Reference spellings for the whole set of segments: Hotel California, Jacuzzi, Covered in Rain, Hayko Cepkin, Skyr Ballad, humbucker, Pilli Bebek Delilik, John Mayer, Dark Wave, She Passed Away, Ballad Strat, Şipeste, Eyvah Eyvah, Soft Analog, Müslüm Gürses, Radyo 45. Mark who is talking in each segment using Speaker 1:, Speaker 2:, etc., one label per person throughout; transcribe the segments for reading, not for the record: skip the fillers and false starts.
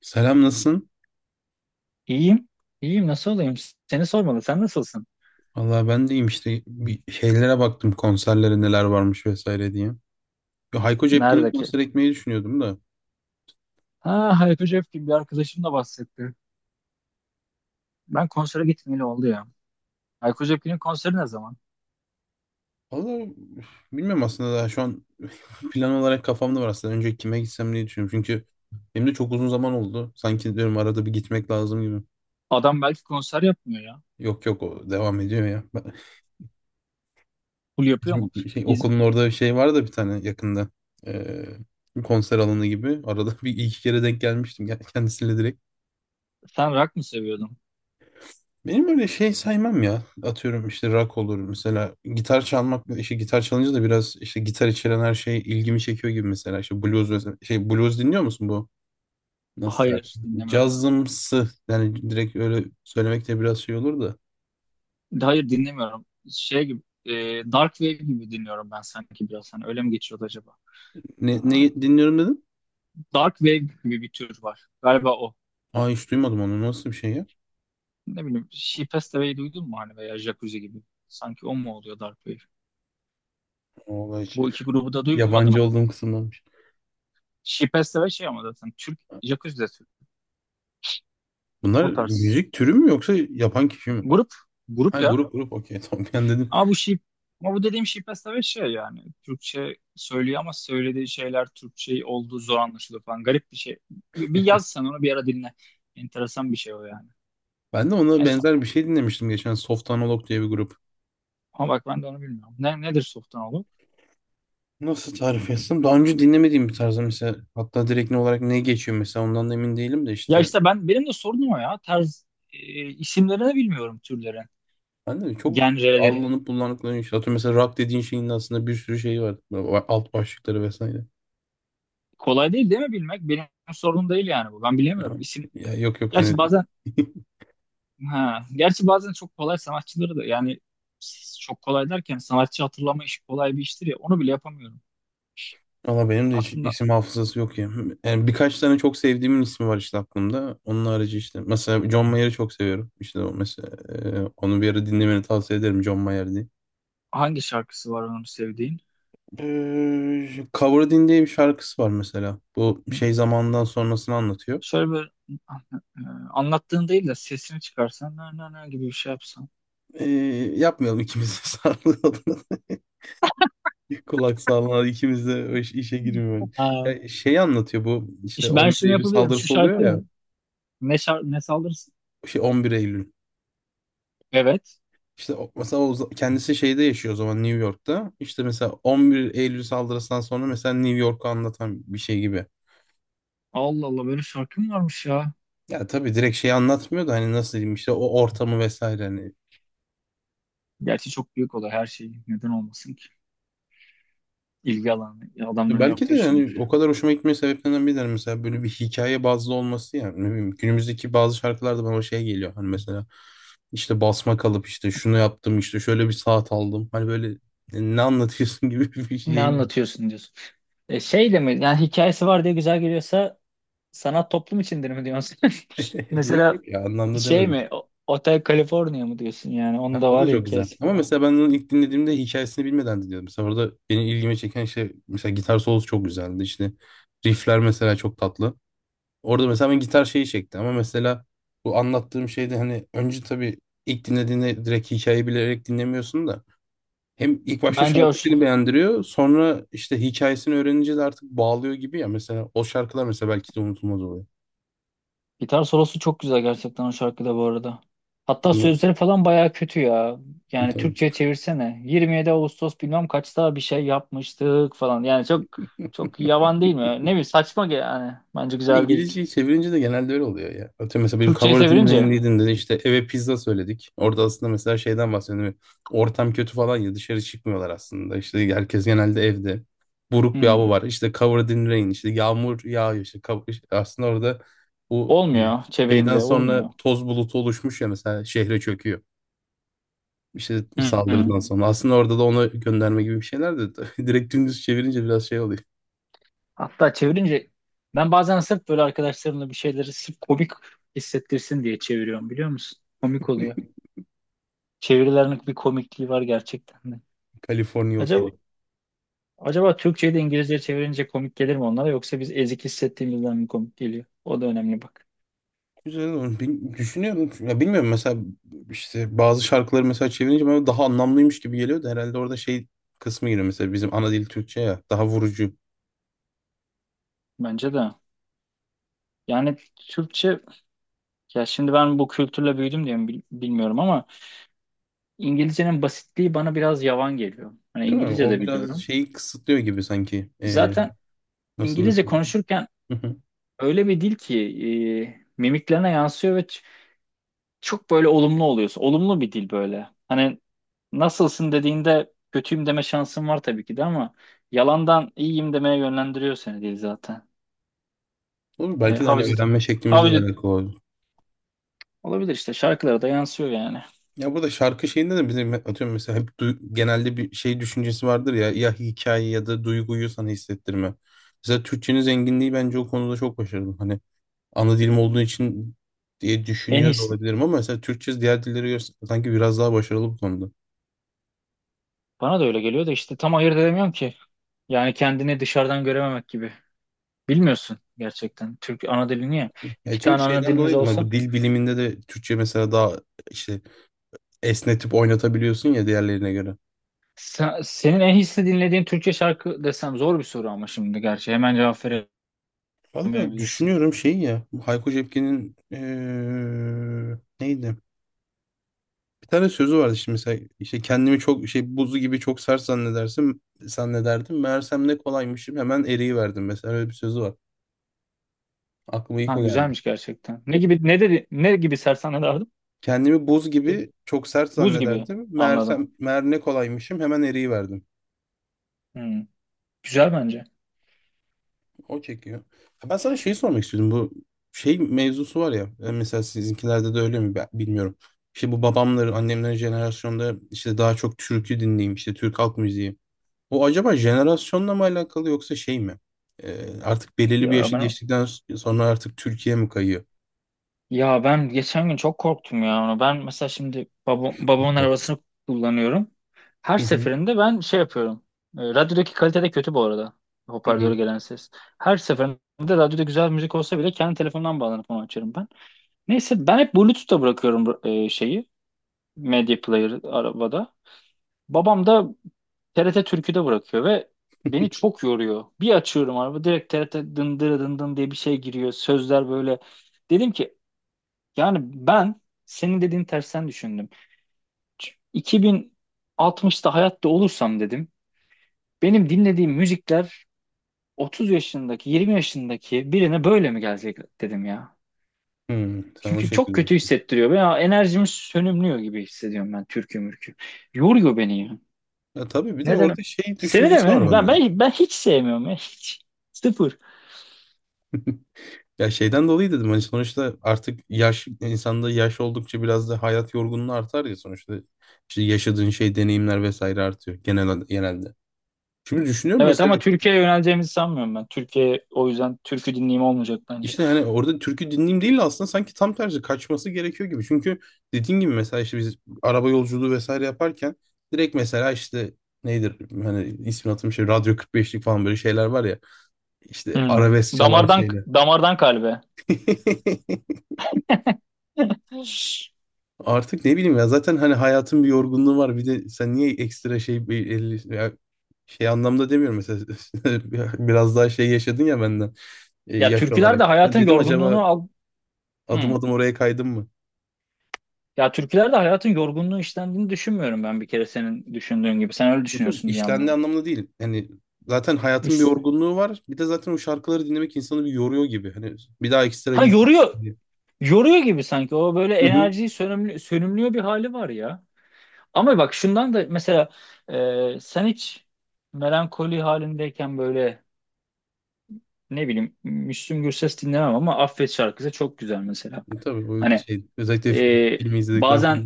Speaker 1: Selam, nasılsın?
Speaker 2: İyiyim. İyiyim. Nasıl olayım? Seni sormalı. Sen nasılsın?
Speaker 1: Valla ben deyim işte bir şeylere baktım, konserlere neler varmış vesaire diye. Ya Hayko Cepkin'in
Speaker 2: Nerede ki?
Speaker 1: konser ekmeği düşünüyordum da.
Speaker 2: Ha, Hayko Cepkin bir arkadaşım da bahsetti. Ben konsere gitmeyeli oldu ya. Hayko Cepkin'in konseri ne zaman?
Speaker 1: Valla bilmiyorum aslında, daha şu an plan olarak kafamda var aslında. Önce kime gitsem diye düşünüyorum. Çünkü benim de çok uzun zaman oldu. Sanki diyorum arada bir gitmek lazım gibi.
Speaker 2: Adam belki konser yapmıyor ya.
Speaker 1: Yok yok, o devam ediyor ya.
Speaker 2: Full yapıyor
Speaker 1: Bizim
Speaker 2: mu?
Speaker 1: bir şey,
Speaker 2: İz-
Speaker 1: okulun orada bir şey var da bir tane yakında. Ee, konser alanı gibi. Arada bir iki kere denk gelmiştim kendisiyle direkt.
Speaker 2: Sen rock mı seviyordun?
Speaker 1: Benim öyle şey saymam ya. Atıyorum işte rock olur mesela. Gitar çalmak, işte gitar çalınca da biraz işte gitar içeren her şey ilgimi çekiyor gibi mesela. İşte blues mesela. Şey, blues dinliyor musun bu? Nasıl tarif?
Speaker 2: Hayır, dinlemiyorum.
Speaker 1: Cazımsı. Yani direkt öyle söylemek de biraz şey olur da.
Speaker 2: Hayır, dinlemiyorum. Şey gibi, e, Dark Wave gibi dinliyorum ben sanki biraz. Hani öyle mi geçiyordu acaba?
Speaker 1: Ne,
Speaker 2: Ha,
Speaker 1: ne dinliyorum dedim?
Speaker 2: Dark Wave gibi bir tür var. Galiba o.
Speaker 1: Aa, hiç duymadım onu. Nasıl bir şey ya?
Speaker 2: Ne bileyim, She Passed Away duydun mu hani veya Jacuzzi gibi? Sanki o mu oluyor Dark Wave?
Speaker 1: Vallahi hiç.
Speaker 2: Bu iki grubu da duymadın
Speaker 1: Yabancı
Speaker 2: mı?
Speaker 1: olduğum kısımdanmış.
Speaker 2: Şipeste ve şey ama zaten Türk Jacuzzi de Türk.
Speaker 1: Bunlar
Speaker 2: O tarz.
Speaker 1: müzik türü mü yoksa yapan kişi mi?
Speaker 2: Grup.
Speaker 1: Ha,
Speaker 2: Grup ya.
Speaker 1: grup grup, okey, tamam, ben dedim.
Speaker 2: Ama bu Şip ama bu dediğim Şipeste ve şey yani. Türkçe söylüyor ama söylediği şeyler Türkçe olduğu zor anlaşılıyor falan. Garip bir şey. Bir yaz sen onu bir ara dinle. Enteresan bir şey o yani.
Speaker 1: Ben de ona
Speaker 2: Neyse.
Speaker 1: benzer bir şey dinlemiştim geçen. Soft Analog diye bir grup.
Speaker 2: Ama bak ben de onu bilmiyorum. Nedir softan oğlum?
Speaker 1: Nasıl tarif etsem? Daha önce dinlemediğim bir tarzda mesela, hatta direkt ne olarak ne geçiyor mesela ondan da emin değilim de
Speaker 2: Ya
Speaker 1: işte
Speaker 2: işte benim de sorunum o ya. Tarz e, isimlerini bilmiyorum türlerin,
Speaker 1: ben de çok
Speaker 2: genrelerin.
Speaker 1: allanıp bulanıkların, işte atıyorum mesela rock dediğin şeyin de aslında bir sürü şeyi var. Alt başlıkları vesaire.
Speaker 2: Kolay değil değil mi bilmek? Benim sorunum değil yani bu. Ben
Speaker 1: Ya,
Speaker 2: bilemiyorum. İsim
Speaker 1: ya yok yok hani
Speaker 2: Gerçi bazen ha, gerçi bazen çok kolay sanatçıları da yani çok kolay derken sanatçı hatırlama işi kolay bir iştir ya onu bile yapamıyorum.
Speaker 1: valla benim de hiç
Speaker 2: Aklında
Speaker 1: isim hafızası yok ya. Yani birkaç tane çok sevdiğimin ismi var işte aklımda. Onun harici işte mesela John Mayer'ı çok seviyorum. İşte o mesela, onu bir ara dinlemeni tavsiye ederim, John Mayer diye.
Speaker 2: hangi şarkısı var onun sevdiğin?
Speaker 1: Coveredin diye bir şarkısı var mesela. Bu
Speaker 2: Hı,
Speaker 1: şey zamandan sonrasını anlatıyor.
Speaker 2: Şöyle bir e, anlattığın değil de sesini çıkarsan na na na gibi bir şey yapsan.
Speaker 1: Ee, yapmayalım ikimiz de sağlığı adına. Kulak sağlığı ikimiz de o işe girmiyor.
Speaker 2: Ha,
Speaker 1: Ya şey anlatıyor bu, işte
Speaker 2: işte ben
Speaker 1: 11
Speaker 2: şunu
Speaker 1: Eylül
Speaker 2: yapabilirim. Şu
Speaker 1: saldırısı oluyor
Speaker 2: şarkı
Speaker 1: ya.
Speaker 2: ne? Ne saldırırsın?
Speaker 1: Şey, 11 Eylül.
Speaker 2: Evet.
Speaker 1: İşte mesela kendisi şeyde yaşıyor o zaman, New York'ta. İşte mesela 11 Eylül saldırısından sonra mesela New York'u anlatan bir şey gibi.
Speaker 2: Allah Allah böyle şarkı mı varmış ya?
Speaker 1: Ya tabii direkt şeyi anlatmıyor da, hani nasıl diyeyim, işte o ortamı vesaire hani.
Speaker 2: Gerçi çok büyük olay her şey. Neden olmasın ki? İlgi alanı
Speaker 1: Ya
Speaker 2: adamların yok
Speaker 1: belki
Speaker 2: da.
Speaker 1: de yani o kadar hoşuma gitme sebeplerinden biri de hani mesela böyle bir hikaye bazlı olması, yani ne bileyim günümüzdeki bazı şarkılarda bana o şey geliyor, hani mesela işte basma kalıp, işte şunu yaptım, işte şöyle bir saat aldım, hani böyle ne anlatıyorsun gibi bir
Speaker 2: Ne
Speaker 1: şeyim.
Speaker 2: anlatıyorsun diyorsun. Şey de mi? Yani hikayesi var diye güzel geliyorsa sanat toplum içindir mi diyorsun?
Speaker 1: Yok
Speaker 2: Mesela
Speaker 1: yok ya, anlamda
Speaker 2: şey
Speaker 1: demedim.
Speaker 2: mi? Hotel California mı diyorsun yani? Onun
Speaker 1: Ha,
Speaker 2: da
Speaker 1: o
Speaker 2: var
Speaker 1: da
Speaker 2: ya
Speaker 1: çok güzel
Speaker 2: hikayesi
Speaker 1: ama
Speaker 2: falan.
Speaker 1: mesela ben onu ilk dinlediğimde hikayesini bilmeden dinliyordum, mesela orada benim ilgimi çeken şey mesela gitar solosu çok güzeldi, işte riffler mesela çok tatlı. Orada mesela ben, gitar şeyi çekti ama mesela bu anlattığım şeyde hani önce tabii ilk dinlediğinde direkt hikayeyi bilerek dinlemiyorsun da, hem ilk başta
Speaker 2: Bence o
Speaker 1: şarkı
Speaker 2: şu.
Speaker 1: seni beğendiriyor, sonra işte hikayesini öğrenince de artık bağlıyor gibi ya, mesela o şarkılar mesela belki de unutulmaz oluyor.
Speaker 2: Gitar solosu çok güzel gerçekten o şarkıda bu arada. Hatta
Speaker 1: Hı,
Speaker 2: sözleri falan bayağı kötü ya. Yani
Speaker 1: tabii.
Speaker 2: Türkçe'ye çevirsene. 27 Ağustos bilmem kaçta bir şey yapmıştık falan. Yani çok çok yavan değil mi? Ne bileyim saçma yani. Bence güzel değil.
Speaker 1: İngilizceyi çevirince de genelde öyle oluyor ya. Atıyorum mesela benim
Speaker 2: Türkçe'ye
Speaker 1: Cover
Speaker 2: çevirince.
Speaker 1: Dinley'din dedi, işte eve pizza söyledik. Orada aslında mesela şeyden bahsediyorum. Ortam kötü falan ya, dışarı çıkmıyorlar aslında. İşte herkes genelde evde. Buruk bir hava
Speaker 2: Hı.
Speaker 1: var. İşte Covered in Rain, işte yağmur yağıyor, İşte işte aslında orada, bu
Speaker 2: Olmuyor
Speaker 1: şeyden
Speaker 2: çevirince
Speaker 1: sonra
Speaker 2: olmuyor.
Speaker 1: toz bulutu oluşmuş ya, mesela şehre çöküyor. İşte
Speaker 2: Hı hı.
Speaker 1: saldırıdan sonra. Aslında orada da ona gönderme gibi bir şeyler de, direkt dümdüz çevirince biraz şey oluyor.
Speaker 2: Hatta çevirince ben bazen sırf böyle arkadaşlarımla bir şeyleri sırf komik hissettirsin diye çeviriyorum biliyor musun? Komik oluyor. Çevirilerin bir komikliği var gerçekten de.
Speaker 1: Kaliforniya
Speaker 2: Acaba
Speaker 1: Oteli.
Speaker 2: acaba Türkçeyi de İngilizceye çevirince komik gelir mi onlara yoksa biz ezik hissettiğimizden mi komik geliyor? O da önemli bak.
Speaker 1: Güzel olur. Düşünüyorum. Ya bilmiyorum mesela, işte bazı şarkıları mesela çevirince bana daha anlamlıymış gibi geliyor da, herhalde orada şey kısmı giriyor, mesela bizim ana dil Türkçe ya, daha vurucu
Speaker 2: Bence de. Yani Türkçe ya şimdi ben bu kültürle büyüdüm diye mi bilmiyorum ama İngilizcenin basitliği bana biraz yavan geliyor. Hani
Speaker 1: değil mi?
Speaker 2: İngilizce
Speaker 1: O
Speaker 2: de
Speaker 1: biraz
Speaker 2: biliyorum.
Speaker 1: şeyi kısıtlıyor gibi sanki.
Speaker 2: Zaten
Speaker 1: Nasıl
Speaker 2: İngilizce
Speaker 1: desem.
Speaker 2: konuşurken
Speaker 1: Hı hı.
Speaker 2: öyle bir dil ki mimiklerine yansıyor ve çok böyle olumlu oluyorsun. Olumlu bir dil böyle. Hani nasılsın dediğinde kötüyüm deme şansın var tabii ki de ama yalandan iyiyim demeye yönlendiriyor seni dil zaten.
Speaker 1: Olur,
Speaker 2: E,
Speaker 1: belki de hani
Speaker 2: havacı,
Speaker 1: öğrenme şeklimizle de
Speaker 2: havacı
Speaker 1: alakalı olur.
Speaker 2: olabilir işte şarkılara da yansıyor yani.
Speaker 1: Ya burada şarkı şeyinde de bizim atıyorum mesela hep genelde bir şey düşüncesi vardır ya, ya hikaye ya da duyguyu sana hissettirme. Mesela Türkçenin zenginliği bence o konuda çok başarılı. Hani ana dilim olduğu için diye
Speaker 2: En
Speaker 1: düşünüyor da
Speaker 2: iyisi.
Speaker 1: olabilirim ama mesela Türkçe diğer dillere göre sanki biraz daha başarılı bu konuda.
Speaker 2: Bana da öyle geliyor da işte tam ayırt edemiyorum ki. Yani kendini dışarıdan görememek gibi. Bilmiyorsun gerçekten. Türk ana dilini ya.
Speaker 1: Ya
Speaker 2: İki
Speaker 1: çünkü
Speaker 2: tane ana
Speaker 1: şeyden
Speaker 2: dilimiz
Speaker 1: dolayıydı ama
Speaker 2: olsa.
Speaker 1: bu dil biliminde de Türkçe mesela daha işte esnetip oynatabiliyorsun ya diğerlerine göre.
Speaker 2: Senin en hisli dinlediğin Türkçe şarkı desem zor bir soru ama şimdi gerçi hemen cevap
Speaker 1: Valla
Speaker 2: veremeyebilirsin.
Speaker 1: düşünüyorum şey ya, bu Hayko Cepkin'in neydi? Bir tane sözü vardı şimdi mesela, işte kendimi çok şey, buzu gibi çok sert zannederdim. Meğersem ne kolaymışım, hemen eriyiverdim, mesela öyle bir sözü var. Aklıma ilk
Speaker 2: Ha
Speaker 1: o geldi.
Speaker 2: güzelmiş gerçekten. Ne gibi ne dedi ne gibi sersane derdim?
Speaker 1: Kendimi buz gibi çok sert
Speaker 2: Buz gibi
Speaker 1: zannederdim.
Speaker 2: anladım.
Speaker 1: Meğer ne kolaymışım, hemen eriyiverdim.
Speaker 2: Hmm, güzel bence.
Speaker 1: O çekiyor. Ha, ben sana şeyi sormak istiyordum. Bu şey mevzusu var ya. Mesela sizinkilerde de öyle mi, ben bilmiyorum. İşte bu babamların, annemlerin jenerasyonda işte daha çok türkü dinleyeyim, işte Türk halk müziği. O acaba jenerasyonla mı alakalı yoksa şey mi? Artık belirli bir
Speaker 2: Ya
Speaker 1: yaşı
Speaker 2: ben
Speaker 1: geçtikten sonra artık Türkiye mi kayıyor?
Speaker 2: ya ben geçen gün çok korktum ya ona. Ben mesela şimdi babamın arabasını kullanıyorum. Her
Speaker 1: Hı hı.
Speaker 2: seferinde ben şey yapıyorum. Radyodaki kalite de kötü bu arada.
Speaker 1: Hı
Speaker 2: Hoparlöre
Speaker 1: hı.
Speaker 2: gelen ses. Her seferinde radyoda güzel müzik olsa bile kendi telefonumdan bağlanıp onu açarım ben. Neyse ben hep Bluetooth'ta bırakıyorum şeyi. Medya player arabada. Babam da TRT Türkü'de bırakıyor ve beni çok yoruyor. Bir açıyorum araba direkt TRT dındıra dındın diye bir şey giriyor. Sözler böyle. Dedim ki yani ben senin dediğin tersten düşündüm. Ç- 2060'ta hayatta olursam dedim. Benim dinlediğim müzikler 30 yaşındaki, 20 yaşındaki birine böyle mi gelecek dedim ya.
Speaker 1: Hı. Sen o
Speaker 2: Çünkü çok
Speaker 1: şekilde
Speaker 2: kötü
Speaker 1: düşün.
Speaker 2: hissettiriyor. Veya enerjim sönümlüyor gibi hissediyorum ben türkü mürkü. Yoruyor beni ya.
Speaker 1: Ya tabii, bir de
Speaker 2: Neden?
Speaker 1: orada şey
Speaker 2: Seni de
Speaker 1: düşüncesi var
Speaker 2: mi?
Speaker 1: bende.
Speaker 2: Ben hiç sevmiyorum ya. Hiç. Sıfır.
Speaker 1: Ya şeyden dolayı dedim, hani sonuçta artık yaş, insanda yaş oldukça biraz da hayat yorgunluğu artar ya, sonuçta işte yaşadığın şey, deneyimler vesaire artıyor genelde. Şimdi düşünüyorum
Speaker 2: Evet
Speaker 1: mesela,
Speaker 2: ama Türkiye'ye yöneleceğimizi sanmıyorum ben. Türkiye o yüzden türkü dinleyeyim olmayacak bence.
Speaker 1: işte hani orada türkü dinleyeyim değil de aslında sanki tam tersi kaçması gerekiyor gibi. Çünkü dediğin gibi mesela, işte biz araba yolculuğu vesaire yaparken direkt mesela işte nedir, hani ismini hatırlamıyorum, şey Radyo 45'lik falan, böyle şeyler var ya, işte
Speaker 2: Hmm.
Speaker 1: arabesk çalan
Speaker 2: Damardan
Speaker 1: şeyler.
Speaker 2: damardan kalbe. Hiç.
Speaker 1: Artık ne bileyim ya, zaten hani hayatın bir yorgunluğu var. Bir de sen niye ekstra şey, bir ya şey anlamda demiyorum mesela, biraz daha şey yaşadın ya benden
Speaker 2: Ya
Speaker 1: yaş
Speaker 2: türküler de
Speaker 1: olarak. Ya
Speaker 2: hayatın
Speaker 1: dedim,
Speaker 2: yorgunluğunu
Speaker 1: acaba
Speaker 2: al.
Speaker 1: adım
Speaker 2: Hmm.
Speaker 1: adım oraya kaydım mı?
Speaker 2: Ya türküler de hayatın yorgunluğu işlendiğini düşünmüyorum ben bir kere senin düşündüğün gibi. Sen öyle
Speaker 1: Yok yok,
Speaker 2: düşünüyorsun diye
Speaker 1: işlendiği
Speaker 2: anladım.
Speaker 1: anlamda değil. Yani zaten hayatın bir
Speaker 2: İs-
Speaker 1: yorgunluğu var. Bir de zaten o şarkıları dinlemek insanı bir yoruyor gibi. Hani bir daha ekstra
Speaker 2: Ha
Speaker 1: yük yapma
Speaker 2: yoruyor.
Speaker 1: diye.
Speaker 2: Yoruyor gibi sanki. O böyle
Speaker 1: Hı hı.
Speaker 2: enerjiyi sönümlüyor bir hali var ya. Ama bak şundan da mesela sen hiç melankoli halindeyken böyle ne bileyim Müslüm Gürses dinlemem ama Affet şarkısı çok güzel mesela.
Speaker 1: Tabii bu
Speaker 2: Hani
Speaker 1: şey, özellikle
Speaker 2: e,
Speaker 1: filmi izledikten sonra.
Speaker 2: bazen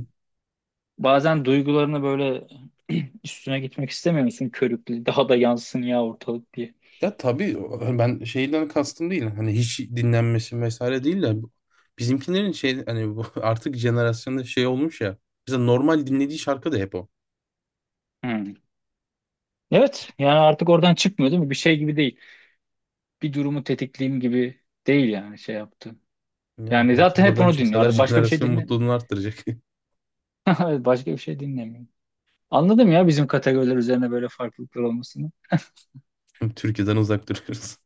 Speaker 2: bazen duygularını böyle üstüne gitmek istemiyor körüklü daha da yansın ya ortalık diye.
Speaker 1: Ya tabii hani ben şeyden kastım değil. Hani hiç dinlenmesi vesaire değil de, bizimkilerin şey, hani bu artık jenerasyonda şey olmuş ya. Mesela normal dinlediği şarkı da hep o.
Speaker 2: Hmm. Evet yani artık oradan çıkmıyor değil mi? Bir şey gibi değil. Bir durumu tetikleyeyim gibi değil yani şey yaptı.
Speaker 1: Ya
Speaker 2: Yani
Speaker 1: belki de
Speaker 2: zaten hep
Speaker 1: oradan
Speaker 2: onu dinliyor.
Speaker 1: çıksalar
Speaker 2: Artık başka bir şey
Speaker 1: jenerasyon
Speaker 2: dinle.
Speaker 1: mutluluğunu arttıracak.
Speaker 2: Başka bir şey dinlemiyor. Anladım ya bizim kategoriler üzerine böyle farklılıklar olmasını.
Speaker 1: Türkiye'den uzak duruyoruz.